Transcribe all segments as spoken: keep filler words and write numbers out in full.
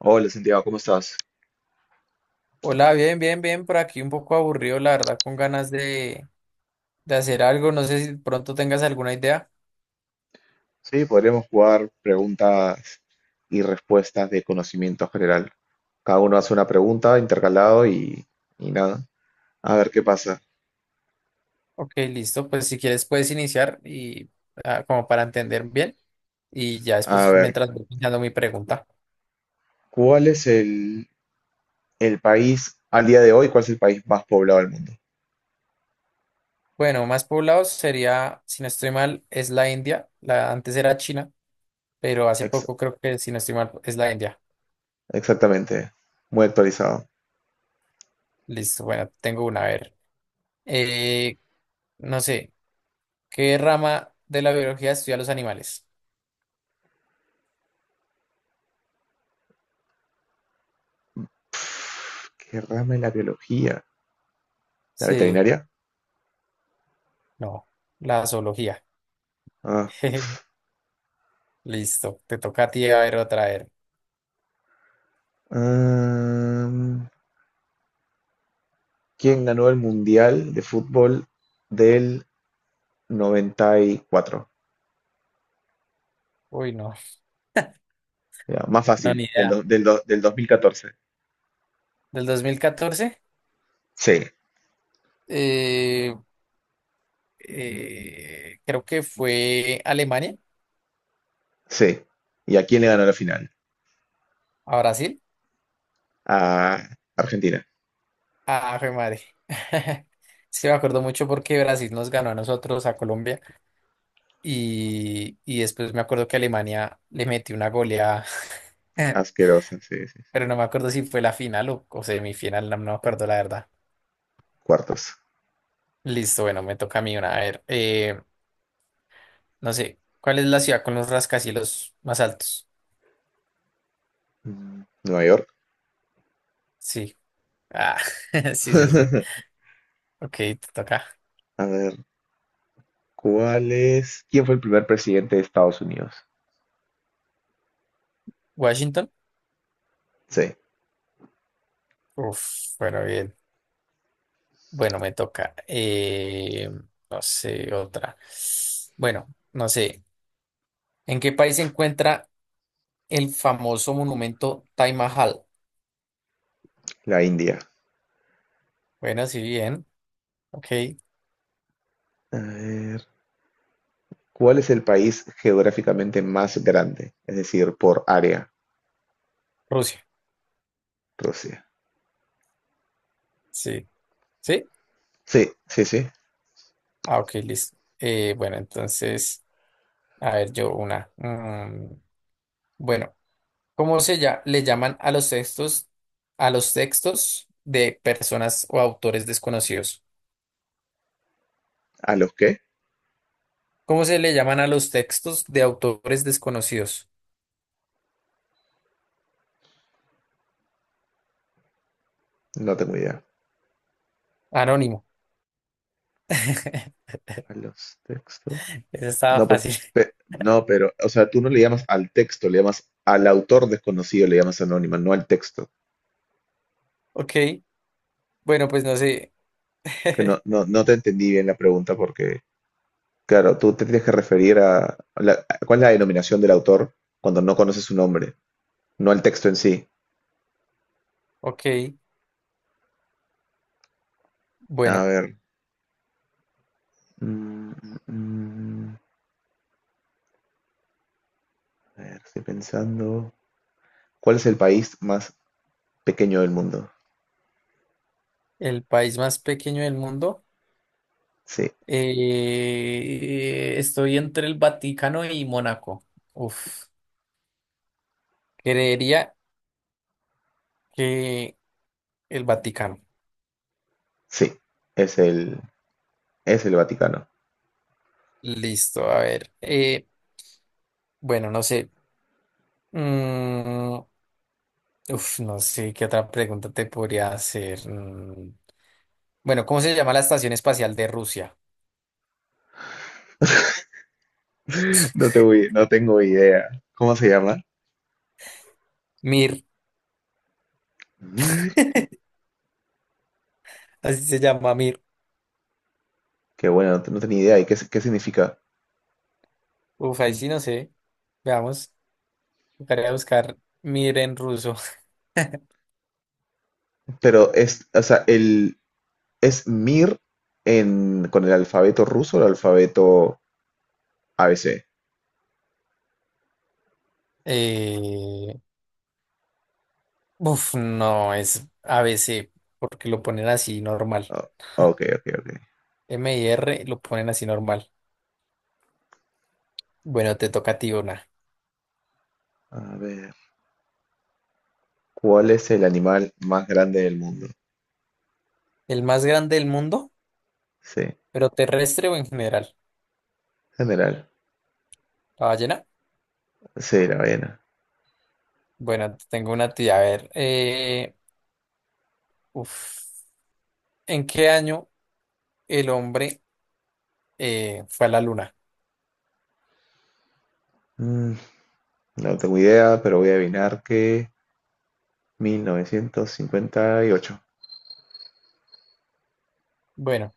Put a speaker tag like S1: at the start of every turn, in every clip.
S1: Hola Santiago, ¿cómo estás?
S2: Hola, bien, bien, bien, por aquí un poco aburrido, la verdad, con ganas de, de hacer algo. No sé si pronto tengas alguna idea.
S1: Sí, podríamos jugar preguntas y respuestas de conocimiento general. Cada uno hace una pregunta intercalado y, y nada. A ver qué pasa.
S2: Ok, listo, pues si quieres puedes iniciar y ah, como para entender bien y ya
S1: A
S2: después
S1: ver,
S2: mientras voy pensando mi pregunta.
S1: ¿cuál es el, el país al día de hoy? ¿Cuál es el país más poblado del mundo?
S2: Bueno, más poblados sería, si no estoy mal, es la India. La, antes era China, pero hace
S1: Ex-
S2: poco creo que, si no estoy mal, es la India.
S1: exactamente. Muy actualizado.
S2: Listo, bueno, tengo una, a ver. Eh, no sé, ¿qué rama de la biología estudia los animales?
S1: ¿Qué rama de la biología? ¿La
S2: Sí,
S1: veterinaria?
S2: no, la zoología.
S1: Ah,
S2: Listo, te toca a ti a ver otra vez.
S1: mm, ¿quién ganó el Mundial de Fútbol del noventa y cuatro?
S2: Uy, no,
S1: Ya, más
S2: no,
S1: fácil,
S2: ni
S1: del, do-
S2: idea.
S1: del, do- del dos mil catorce.
S2: Del dos mil catorce,
S1: Sí,
S2: eh, eh, creo que fue Alemania,
S1: sí. ¿Y a quién le ganó la final?
S2: a Brasil.
S1: A Argentina.
S2: Ah, fue madre. Sí, me acuerdo mucho porque Brasil nos ganó a nosotros, a Colombia, y, y después me acuerdo que Alemania le metió una goleada,
S1: Asquerosa, sí, sí.
S2: pero no me acuerdo si fue la final o, o semifinal, no, no me acuerdo la verdad.
S1: Cuartos.
S2: Listo, bueno, me toca a mí una. A ver, eh, no sé, ¿cuál es la ciudad con los rascacielos más altos?
S1: Mm, Nueva York.
S2: Sí. Ah, sí, sí, sí. Ok, te toca.
S1: A ver, ¿cuál es? ¿Quién fue el primer presidente de Estados Unidos?
S2: Washington.
S1: Sí,
S2: Uf, bueno, bien. Bueno, me toca. Eh, no sé, otra. Bueno, no sé. ¿En qué país se encuentra el famoso monumento Taj Mahal?
S1: la India.
S2: Bueno, sí, bien. Ok,
S1: A ver, ¿cuál es el país geográficamente más grande? Es decir, por área,
S2: Rusia.
S1: Rusia.
S2: Sí. ¿Sí?
S1: Sí, sí, sí.
S2: Ah, ok, listo. Eh, bueno, entonces, a ver, yo una. Mm, bueno. ¿Cómo se lla- ¿le llaman a los textos, a los textos de personas o autores desconocidos?
S1: ¿A los qué?
S2: ¿Cómo se le llaman a los textos de autores desconocidos?
S1: No tengo idea.
S2: Anónimo.
S1: ¿A los textos?
S2: Eso estaba
S1: No, pues.
S2: fácil.
S1: No, pero, o sea, tú no le llamas al texto, le llamas al autor desconocido, le llamas anónima, no al texto.
S2: Ok, bueno, pues no sé.
S1: Que no, no, no te entendí bien la pregunta porque, claro, tú te tienes que referir a, la- a- cuál es la denominación del autor cuando no conoces su nombre, no al texto en sí.
S2: Ok,
S1: A
S2: bueno,
S1: ver. mm, mm, mm, a ver, estoy pensando. ¿Cuál es el país más pequeño del mundo?
S2: el país más pequeño del mundo.
S1: Sí,
S2: Eh, estoy entre el Vaticano y Mónaco. Uf, creería que el Vaticano.
S1: sí, es el, es el, Vaticano.
S2: Listo, a ver. eh, bueno, no sé. Mm, uf, no sé qué otra pregunta te podría hacer. Mm, bueno, ¿cómo se llama la estación espacial de Rusia?
S1: No tengo, i- no tengo idea. ¿Cómo se llama?
S2: Mir. Así se llama Mir.
S1: Qué bueno, no te- no tenía idea. ¿Y qué, qué significa?
S2: Uf, ahí sí no sé. Veamos. Tocaría buscar Mir en ruso.
S1: Pero es, o sea, el, es Mir en, con el alfabeto ruso o el alfabeto A B C.
S2: Eh, uf, no, es a ABC, porque lo ponen así normal.
S1: Ah, ok, ok, ok.
S2: M y R lo ponen así normal. Bueno, te toca a ti una.
S1: A ver, ¿cuál es el animal más grande del mundo?
S2: ¿El más grande del mundo,
S1: Sí,
S2: pero terrestre o en general?
S1: general.
S2: ¿La ballena?
S1: Sí, la ballena.
S2: Bueno, tengo una tía. A ver, eh, uf, ¿en qué año el hombre eh, fue a la luna?
S1: Mm, no tengo idea, pero voy a adivinar que mil novecientos cincuenta y ocho.
S2: Bueno,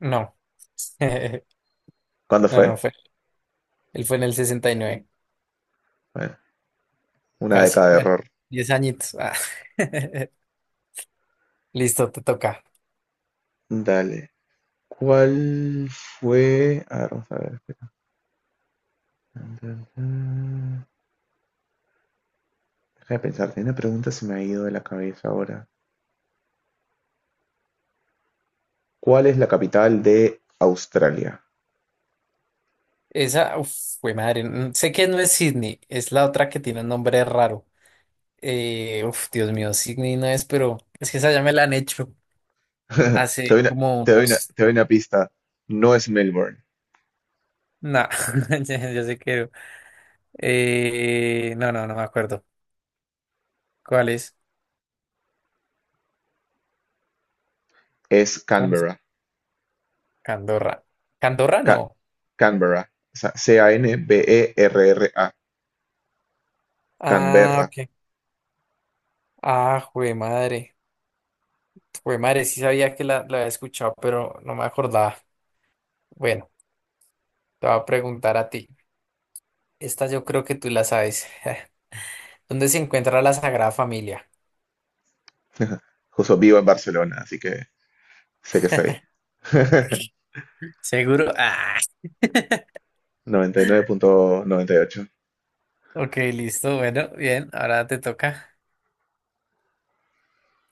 S2: no.
S1: ¿Cuándo
S2: No, no
S1: fue?
S2: fue. Él fue en el sesenta y nueve
S1: Bueno, una
S2: casi.
S1: década de
S2: Bueno,
S1: error.
S2: diez añitos. Ah. Listo, te toca.
S1: Dale. ¿Cuál fue? A ver, vamos a ver. Deja de pensar, tenía una pregunta se me ha ido de la cabeza ahora. ¿Cuál es la capital de Australia?
S2: Esa, uf, fue madre. mm, Sé que no es Sydney, es la otra que tiene un nombre raro. Eh, uf, Dios mío, Sydney no es, pero es que esa ya me la han hecho
S1: Te
S2: hace
S1: doy una,
S2: como
S1: te doy una-
S2: unos.
S1: te doy una pista. No es Melbourne,
S2: No, ya, ya sé que. Eh, no, no, no me acuerdo. ¿Cuál es?
S1: es
S2: ¿Cómo se
S1: Canberra.
S2: Candorra? ¿Candorra
S1: Ca-
S2: no?
S1: Canberra. O sea, C A N B E R R A.
S2: Ah,
S1: Canberra.
S2: ok. Ah, jue madre. Jue madre, sí sabía que la, la había escuchado, pero no me acordaba. Bueno, te voy a preguntar a ti. Esta yo creo que tú la sabes. ¿Dónde se encuentra la Sagrada Familia?
S1: Justo vivo en Barcelona, así que sé que es ahí.
S2: Seguro. Ah,
S1: noventa y nueve punto noventa y ocho.
S2: ok, listo. Bueno, bien. Ahora te toca.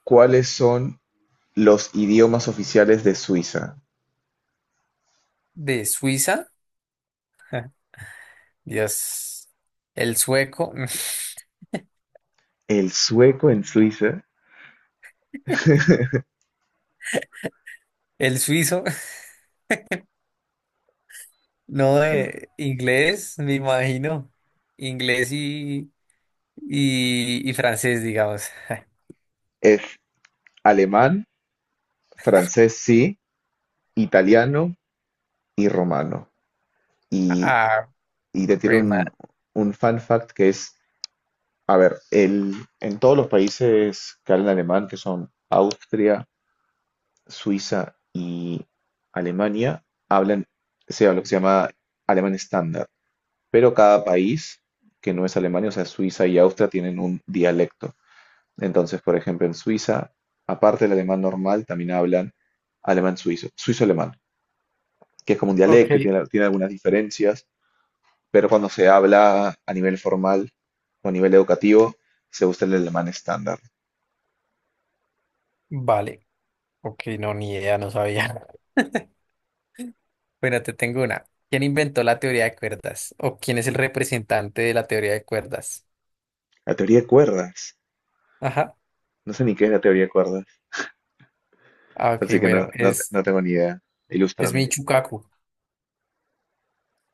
S1: ¿Cuáles son los idiomas oficiales de Suiza?
S2: ¿De Suiza? Dios. El sueco.
S1: El sueco en Suiza.
S2: El suizo. No,
S1: mm,
S2: eh, inglés, me imagino. Inglés y, y, y francés, digamos.
S1: es alemán, francés sí, italiano y romano. Y,
S2: Ah,
S1: y te tiene
S2: jue
S1: un,
S2: madre.
S1: un fun fact que es, a ver, el, en todos los países que hablan alemán, que son Austria, Suiza y Alemania, hablan, se habla lo que se llama alemán estándar. Pero cada país que no es Alemania, o sea, Suiza y Austria, tienen un dialecto. Entonces, por ejemplo, en Suiza, aparte del alemán normal, también hablan alemán suizo, suizo-alemán. Que es como un
S2: Ok,
S1: dialecto y tiene, tiene algunas diferencias, pero cuando se habla a nivel formal o a nivel educativo, se usa el alemán estándar.
S2: vale. Ok, no, ni idea, no sabía. Bueno, te tengo una. ¿Quién inventó la teoría de cuerdas? ¿O quién es el representante de la teoría de cuerdas?
S1: La teoría de cuerdas.
S2: Ajá.
S1: No sé ni qué es la teoría de cuerdas,
S2: Ah,
S1: así
S2: ok,
S1: que no,
S2: bueno,
S1: no,
S2: es,
S1: no tengo ni idea.
S2: es
S1: Ilústrame.
S2: Michikaku.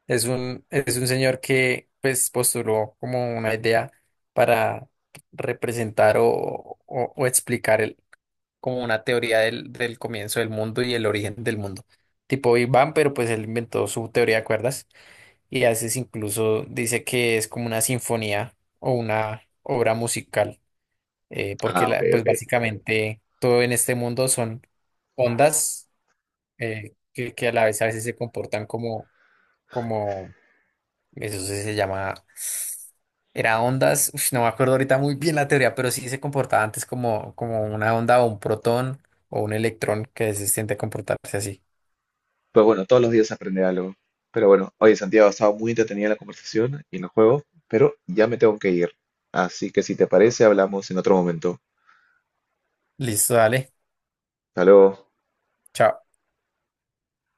S2: Es un, es un señor que pues postuló como una idea para representar o, o, o explicar el- como una teoría del, del comienzo del mundo y el origen del mundo. Tipo Big Bang, pero pues él inventó su teoría de cuerdas y a veces incluso dice que es como una sinfonía o una obra musical, eh, porque
S1: Ah, ok,
S2: la, pues
S1: ok.
S2: básicamente todo en este mundo son ondas eh, que, que a la vez a veces se comportan como, como eso sí se llama. Era ondas. Uf, no me acuerdo ahorita muy bien la teoría, pero sí se comportaba antes como, como una onda o un protón o un electrón que se siente comportarse así.
S1: Pues bueno, todos los días se aprende algo. Pero bueno, oye, Santiago, ha estado muy entretenida la conversación y el juego, pero ya me tengo que ir. Así que si te parece, hablamos en otro momento.
S2: Listo, dale.
S1: Hasta luego.
S2: Chao.